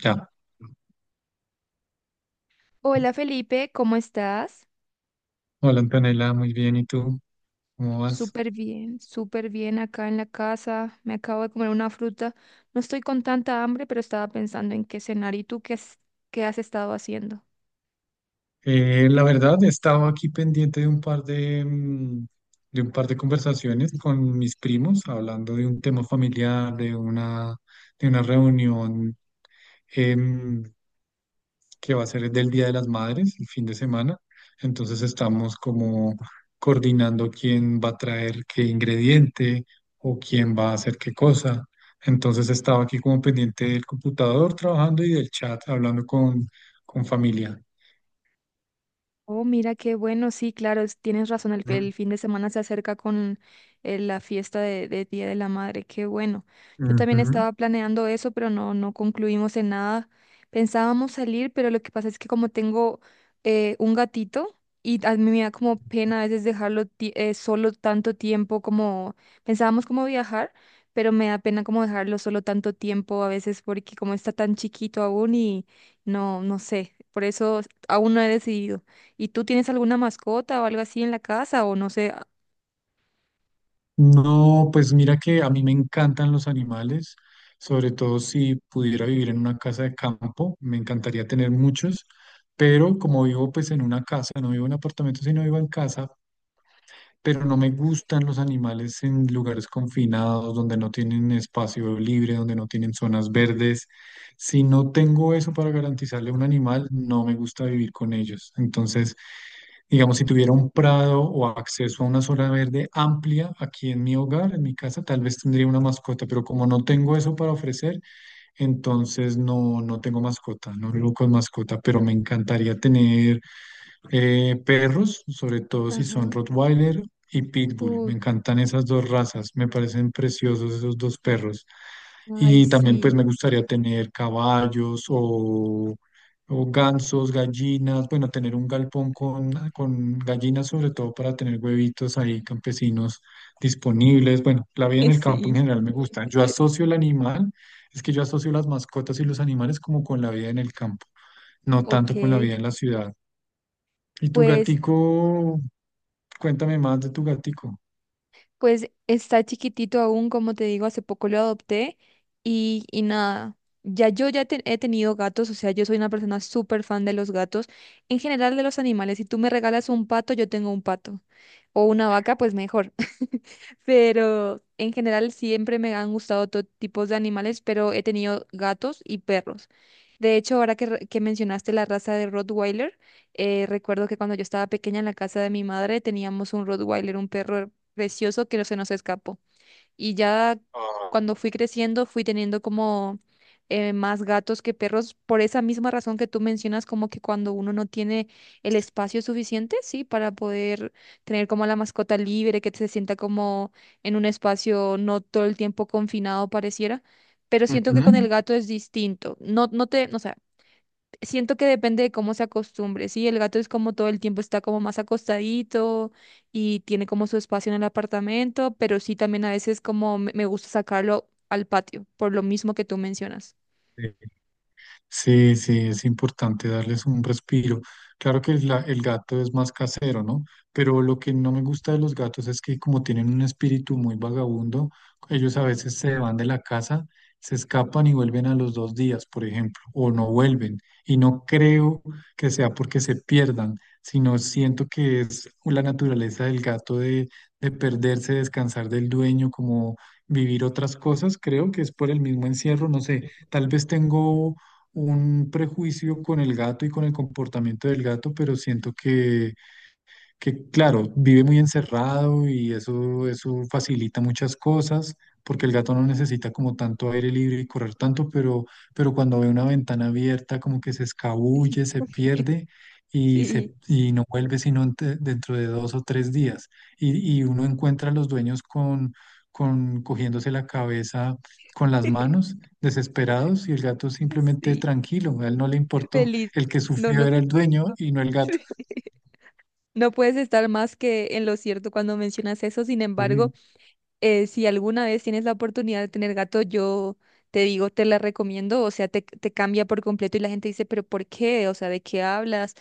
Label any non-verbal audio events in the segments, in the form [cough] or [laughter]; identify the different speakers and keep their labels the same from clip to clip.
Speaker 1: Ya,
Speaker 2: Hola Felipe, ¿cómo estás?
Speaker 1: hola Antonella, muy bien, ¿y tú? ¿Cómo vas?
Speaker 2: Súper bien acá en la casa. Me acabo de comer una fruta. No estoy con tanta hambre, pero estaba pensando en qué cenar. ¿Y tú qué, qué has estado haciendo?
Speaker 1: La verdad, he estado aquí pendiente de un par de, de un par de conversaciones con mis primos, hablando de un tema familiar, de una reunión em, que va a ser del Día de las Madres, el fin de semana. Entonces estamos como coordinando quién va a traer qué ingrediente o quién va a hacer qué cosa. Entonces estaba aquí como pendiente del computador trabajando y del chat hablando con familia.
Speaker 2: Oh, mira qué bueno, sí, claro, tienes razón, el fin de semana se acerca con la fiesta de Día de la Madre, qué bueno. Yo también
Speaker 1: Ujú.
Speaker 2: estaba planeando eso, pero no concluimos en nada. Pensábamos salir, pero lo que pasa es que como tengo un gatito y a mí me da como pena a veces dejarlo solo tanto tiempo, como pensábamos como viajar, pero me da pena como dejarlo solo tanto tiempo a veces porque como está tan chiquito aún y no sé, por eso aún no he decidido. ¿Y tú tienes alguna mascota o algo así en la casa o no sé?
Speaker 1: No, pues mira que a mí me encantan los animales, sobre todo si pudiera vivir en una casa de campo, me encantaría tener muchos, pero como vivo pues en una casa, no vivo en apartamento, sino vivo en casa, pero no me gustan los animales en lugares confinados, donde no tienen espacio libre, donde no tienen zonas verdes. Si no tengo eso para garantizarle a un animal, no me gusta vivir con ellos. Entonces, digamos, si tuviera un prado o acceso a una zona verde amplia aquí en mi hogar, en mi casa, tal vez tendría una mascota, pero como no tengo eso para ofrecer, entonces no, no tengo mascota, no vivo con mascota, pero me encantaría tener perros, sobre todo si son
Speaker 2: Ajá.
Speaker 1: Rottweiler y Pitbull. Me
Speaker 2: Uy.
Speaker 1: encantan esas dos razas, me parecen preciosos esos dos perros.
Speaker 2: Ay,
Speaker 1: Y también pues
Speaker 2: sí.
Speaker 1: me gustaría tener caballos o gansos, gallinas, bueno, tener un galpón con gallinas sobre todo para tener huevitos ahí campesinos disponibles. Bueno, la vida en
Speaker 2: [laughs]
Speaker 1: el campo en
Speaker 2: Sí.
Speaker 1: general me gusta. Yo asocio el animal, es que yo asocio las mascotas y los animales como con la vida en el campo, no
Speaker 2: Ok,
Speaker 1: tanto con la vida en la ciudad. ¿Y tu
Speaker 2: pues
Speaker 1: gatico? Cuéntame más de tu gatico.
Speaker 2: pues está chiquitito aún, como te digo, hace poco lo adopté y nada, ya yo ya he tenido gatos, o sea, yo soy una persona súper fan de los gatos, en general de los animales. Si tú me regalas un pato, yo tengo un pato, o una vaca, pues mejor. [laughs] Pero en general siempre me han gustado todo tipos de animales, pero he tenido gatos y perros. De hecho, ahora que mencionaste la raza de Rottweiler, recuerdo que cuando yo estaba pequeña en la casa de mi madre teníamos un Rottweiler, un perro precioso que no se nos escapó. Y ya
Speaker 1: Ah.
Speaker 2: cuando fui creciendo, fui teniendo como más gatos que perros, por esa misma razón que tú mencionas, como que cuando uno no tiene el espacio suficiente, sí, para poder tener como la mascota libre, que se sienta como en un espacio no todo el tiempo confinado pareciera. Pero siento que con el
Speaker 1: Ujú.
Speaker 2: gato es distinto. No sé. Siento que depende de cómo se acostumbre, ¿sí? El gato es como todo el tiempo está como más acostadito y tiene como su espacio en el apartamento, pero sí también a veces como me gusta sacarlo al patio, por lo mismo que tú mencionas.
Speaker 1: Sí, sí, es importante darles un respiro. Claro que el gato es más casero, ¿no? Pero lo que no me gusta de los gatos es que como tienen un espíritu muy vagabundo, ellos a veces se van de la casa, se escapan y vuelven a los dos días, por ejemplo, o no vuelven. Y no creo que sea porque se pierdan, sino siento que es la naturaleza del gato de perderse, descansar del dueño, como vivir otras cosas. Creo que es por el mismo encierro, no sé. Tal vez tengo un prejuicio con el gato y con el comportamiento del gato, pero siento que claro, vive muy encerrado y eso facilita muchas cosas, porque el gato no necesita como tanto aire libre y correr tanto, pero cuando ve una ventana abierta como que se escabulle, se pierde
Speaker 2: Sí.
Speaker 1: y no vuelve sino dentro de dos o tres días. Y uno encuentra a los dueños con cogiéndose la cabeza con las
Speaker 2: [laughs]
Speaker 1: manos, desesperados, y el gato simplemente
Speaker 2: Sí,
Speaker 1: tranquilo, a él no le importó,
Speaker 2: feliz.
Speaker 1: el que
Speaker 2: No,
Speaker 1: sufrió
Speaker 2: no.
Speaker 1: era el dueño y no el gato.
Speaker 2: [laughs] No puedes estar más que en lo cierto cuando mencionas eso. Sin embargo,
Speaker 1: Sí.
Speaker 2: si alguna vez tienes la oportunidad de tener gato, yo te digo, te la recomiendo. O sea, te cambia por completo y la gente dice, pero ¿por qué? O sea, ¿de qué hablas?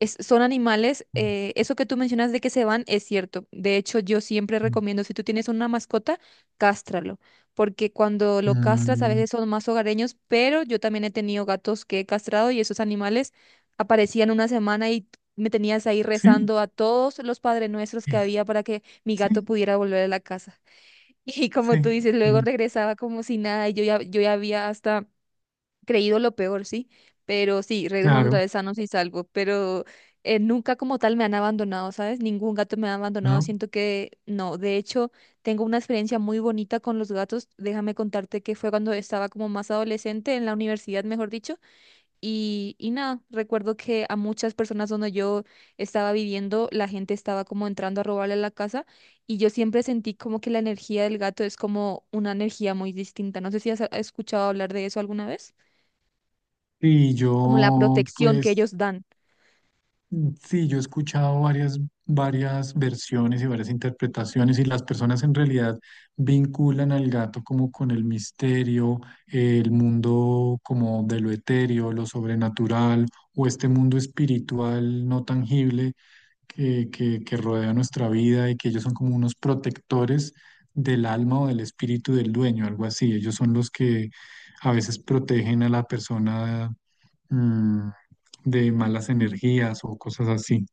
Speaker 2: Son animales. Eso que tú mencionas de que se van es cierto. De hecho, yo siempre recomiendo, si tú tienes una mascota, cástralo, porque cuando lo castras a
Speaker 1: Mm,
Speaker 2: veces son más hogareños, pero yo también he tenido gatos que he castrado y esos animales aparecían una semana y me tenías ahí
Speaker 1: sí,
Speaker 2: rezando a todos los Padre Nuestros que
Speaker 1: es,
Speaker 2: había para que mi
Speaker 1: sí,
Speaker 2: gato pudiera volver a la casa. [laughs] Y como tú
Speaker 1: sí,
Speaker 2: dices,
Speaker 1: eh,
Speaker 2: luego regresaba como si nada y yo ya había hasta creído lo peor, sí, pero sí, regresando otra
Speaker 1: claro,
Speaker 2: vez sanos y salvos, pero nunca como tal me han abandonado, ¿sabes? Ningún gato me ha abandonado,
Speaker 1: ¿no?
Speaker 2: siento que no. De hecho, tengo una experiencia muy bonita con los gatos, déjame contarte que fue cuando estaba como más adolescente en la universidad, mejor dicho, y nada, recuerdo que a muchas personas donde yo estaba viviendo, la gente estaba como entrando a robarle la casa y yo siempre sentí como que la energía del gato es como una energía muy distinta, no sé si has escuchado hablar de eso alguna vez
Speaker 1: Y
Speaker 2: como la
Speaker 1: yo,
Speaker 2: protección que
Speaker 1: pues,
Speaker 2: ellos dan.
Speaker 1: sí, yo he escuchado varias versiones y varias interpretaciones y las personas en realidad vinculan al gato como con el misterio, el mundo como de lo etéreo, lo sobrenatural o este mundo espiritual no tangible que rodea nuestra vida y que ellos son como unos protectores del alma o del espíritu del dueño, algo así. Ellos son los que a veces protegen a la persona mm, de malas energías o cosas así.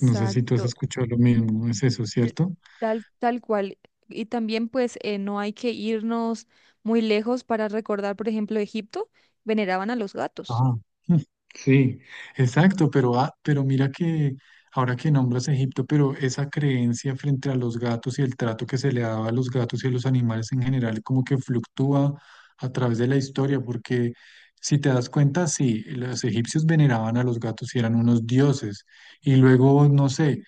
Speaker 1: No sé si tú has escuchado lo mismo, es eso,
Speaker 2: l-
Speaker 1: ¿cierto?
Speaker 2: tal cual. Y también pues no hay que irnos muy lejos para recordar, por ejemplo, Egipto, veneraban a los gatos.
Speaker 1: Ah, mm, sí, exacto, pero mira que ahora que nombras Egipto, pero esa creencia frente a los gatos y el trato que se le daba a los gatos y a los animales en general como que fluctúa a través de la historia, porque si te das cuenta, sí, los egipcios veneraban a los gatos y eran unos dioses, y luego, no sé,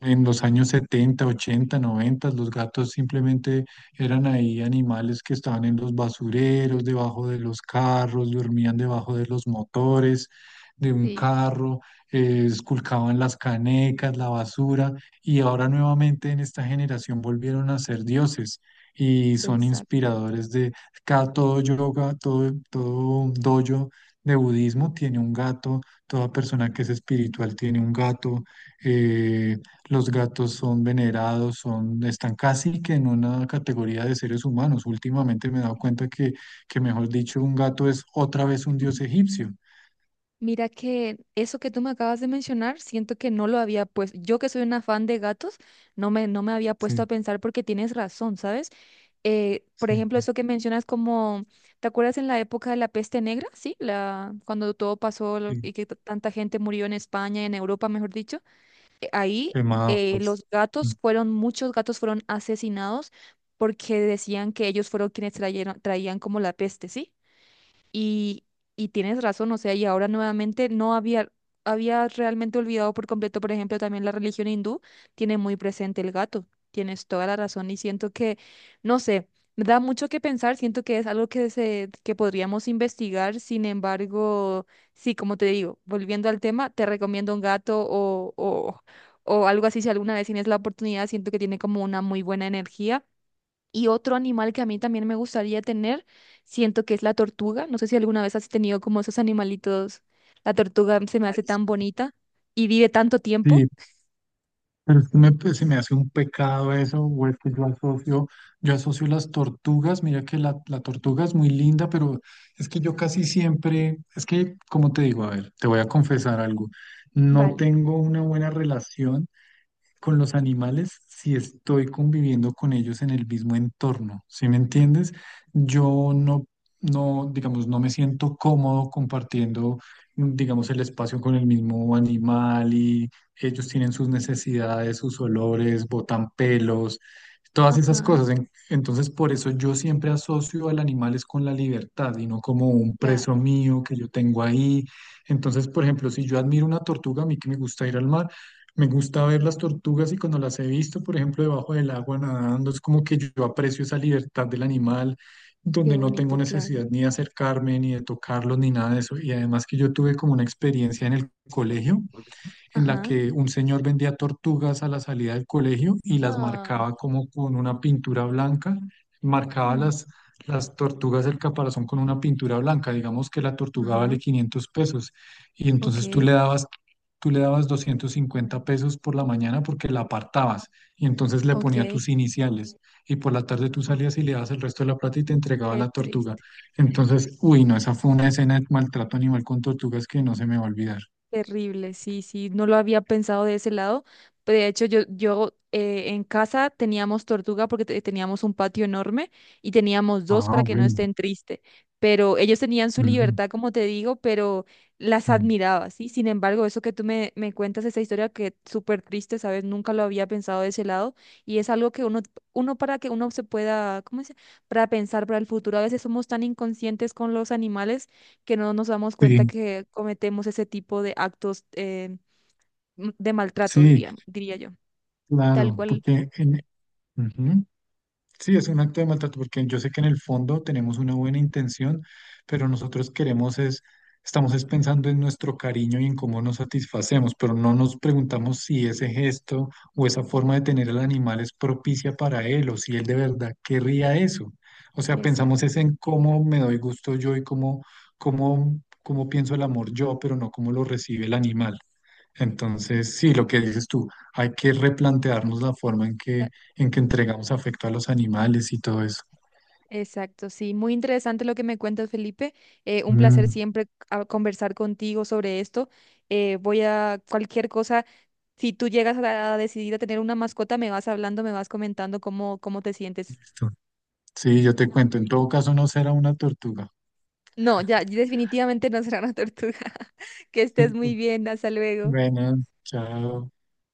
Speaker 1: en los años 70, 80, 90, los gatos simplemente eran ahí animales que estaban en los basureros, debajo de los carros, dormían debajo de los motores de un
Speaker 2: Sí,
Speaker 1: carro, esculcaban las canecas, la basura, y ahora nuevamente en esta generación volvieron a ser dioses y son
Speaker 2: exacto.
Speaker 1: inspiradores de cada todo yoga, todo dojo de budismo tiene un gato, toda persona que es espiritual tiene un gato. eh, los gatos son venerados, están casi que en una categoría de seres humanos. Últimamente me he dado cuenta que mejor dicho, un gato es otra vez un dios egipcio.
Speaker 2: Mira que eso que tú me acabas de mencionar, siento que no lo había puesto. Yo que soy una fan de gatos, no me había puesto a
Speaker 1: Sí,
Speaker 2: pensar porque tienes razón, ¿sabes? Por
Speaker 1: sí,
Speaker 2: ejemplo, eso que mencionas como, ¿te acuerdas en la época de la peste negra? Sí, cuando todo pasó
Speaker 1: sí.
Speaker 2: y que tanta gente murió en España, en Europa, mejor dicho. Ahí
Speaker 1: ¿Qué más?
Speaker 2: los gatos fueron, muchos gatos fueron asesinados porque decían que ellos traían como la peste, ¿sí? Y, y tienes razón, o sea, y ahora nuevamente no había, había realmente olvidado por completo, por ejemplo, también la religión hindú tiene muy presente el gato, tienes toda la razón y siento que, no sé, me da mucho que pensar, siento que es algo que podríamos investigar. Sin embargo, sí, como te digo, volviendo al tema, te recomiendo un gato o algo así, si alguna vez tienes la oportunidad, siento que tiene como una muy buena energía y otro animal que a mí también me gustaría tener, siento que es la tortuga. No sé si alguna vez has tenido como esos animalitos. La tortuga se me hace tan bonita y vive tanto tiempo.
Speaker 1: Sí, pero es que me, pues, se me hace un pecado eso, o es que yo asocio las tortugas, mira que la tortuga es muy linda, pero es que yo casi siempre, es que, como te digo, a ver, te voy a confesar algo, no
Speaker 2: Vale.
Speaker 1: tengo una buena relación con los animales si estoy conviviendo con ellos en el mismo entorno, ¿sí me entiendes? Yo no, no, Digamos, no me siento cómodo compartiendo digamos, el espacio con el mismo animal y ellos tienen sus necesidades, sus olores, botan pelos, todas esas
Speaker 2: Ajá,
Speaker 1: cosas. Entonces, por eso yo siempre asocio al animal es con la libertad y no como un preso
Speaker 2: claro,
Speaker 1: mío que yo tengo ahí. Entonces, por ejemplo, si yo admiro una tortuga, a mí que me gusta ir al mar, me gusta ver las tortugas y cuando las he visto, por ejemplo, debajo del agua nadando, es como que yo aprecio esa libertad del animal,
Speaker 2: qué
Speaker 1: donde no
Speaker 2: bonito,
Speaker 1: tengo
Speaker 2: claro.
Speaker 1: necesidad ni de acercarme, ni de tocarlos, ni nada de eso. Y además que yo tuve como una experiencia en el colegio en la
Speaker 2: Ajá.
Speaker 1: que un señor vendía tortugas a la salida del colegio y las
Speaker 2: Ah,
Speaker 1: marcaba como con una pintura blanca, marcaba
Speaker 2: mm,
Speaker 1: las tortugas del caparazón con una pintura blanca, digamos que la tortuga
Speaker 2: ajá,
Speaker 1: vale 500 pesos y entonces
Speaker 2: ok,
Speaker 1: tú le dabas 250 pesos por la mañana porque la apartabas y entonces le
Speaker 2: ok,
Speaker 1: ponía tus iniciales y por la tarde tú salías y le dabas el resto de la plata y te entregaba
Speaker 2: qué
Speaker 1: la tortuga.
Speaker 2: triste.
Speaker 1: Entonces, uy, no, esa fue una escena de maltrato animal con tortugas que no se me va a olvidar.
Speaker 2: Terrible, sí, sí, no lo había pensado de ese lado. Pero de hecho, yo en casa teníamos tortuga porque teníamos un patio enorme y teníamos dos
Speaker 1: Ah,
Speaker 2: para que no
Speaker 1: bueno.
Speaker 2: estén tristes. Pero ellos tenían su
Speaker 1: Ujú,
Speaker 2: libertad, como te digo, pero las
Speaker 1: ujú.
Speaker 2: admiraba, ¿sí? Sin embargo, eso que tú me cuentas, esa historia que es súper triste, ¿sabes? Nunca lo había pensado de ese lado y es algo que uno, uno para que uno se pueda, ¿cómo se? Para pensar para el futuro. A veces somos tan inconscientes con los animales que no nos damos cuenta
Speaker 1: Sí,
Speaker 2: que cometemos ese tipo de actos de maltrato,
Speaker 1: sí,
Speaker 2: diría yo. Tal
Speaker 1: claro,
Speaker 2: cual.
Speaker 1: porque ujú, sí es un acto de maltrato, porque yo sé que en el fondo tenemos una buena intención, pero nosotros queremos es, estamos es pensando en nuestro cariño y en cómo nos satisfacemos, pero no nos preguntamos si ese gesto o esa forma de tener al animal es propicia para él o si él de verdad querría eso. O sea, pensamos
Speaker 2: Exacta-
Speaker 1: es en cómo me doy gusto yo y cómo pienso el amor yo, pero no cómo lo recibe el animal. Entonces, sí, lo que dices tú, hay que replantearnos la forma en en que entregamos afecto a los animales y todo eso.
Speaker 2: Exacto, sí. Muy interesante lo que me cuentas, Felipe. Un placer
Speaker 1: Mm,
Speaker 2: siempre conversar contigo sobre esto. Voy a cualquier cosa. Si tú llegas a decidir a tener una mascota, me vas hablando, me vas comentando cómo te sientes.
Speaker 1: Listo. Sí, yo te cuento, en todo caso no será una tortuga.
Speaker 2: No, ya, definitivamente no será una tortuga. [laughs] Que estés muy
Speaker 1: [laughs]
Speaker 2: bien. Hasta luego.
Speaker 1: Bueno, chao.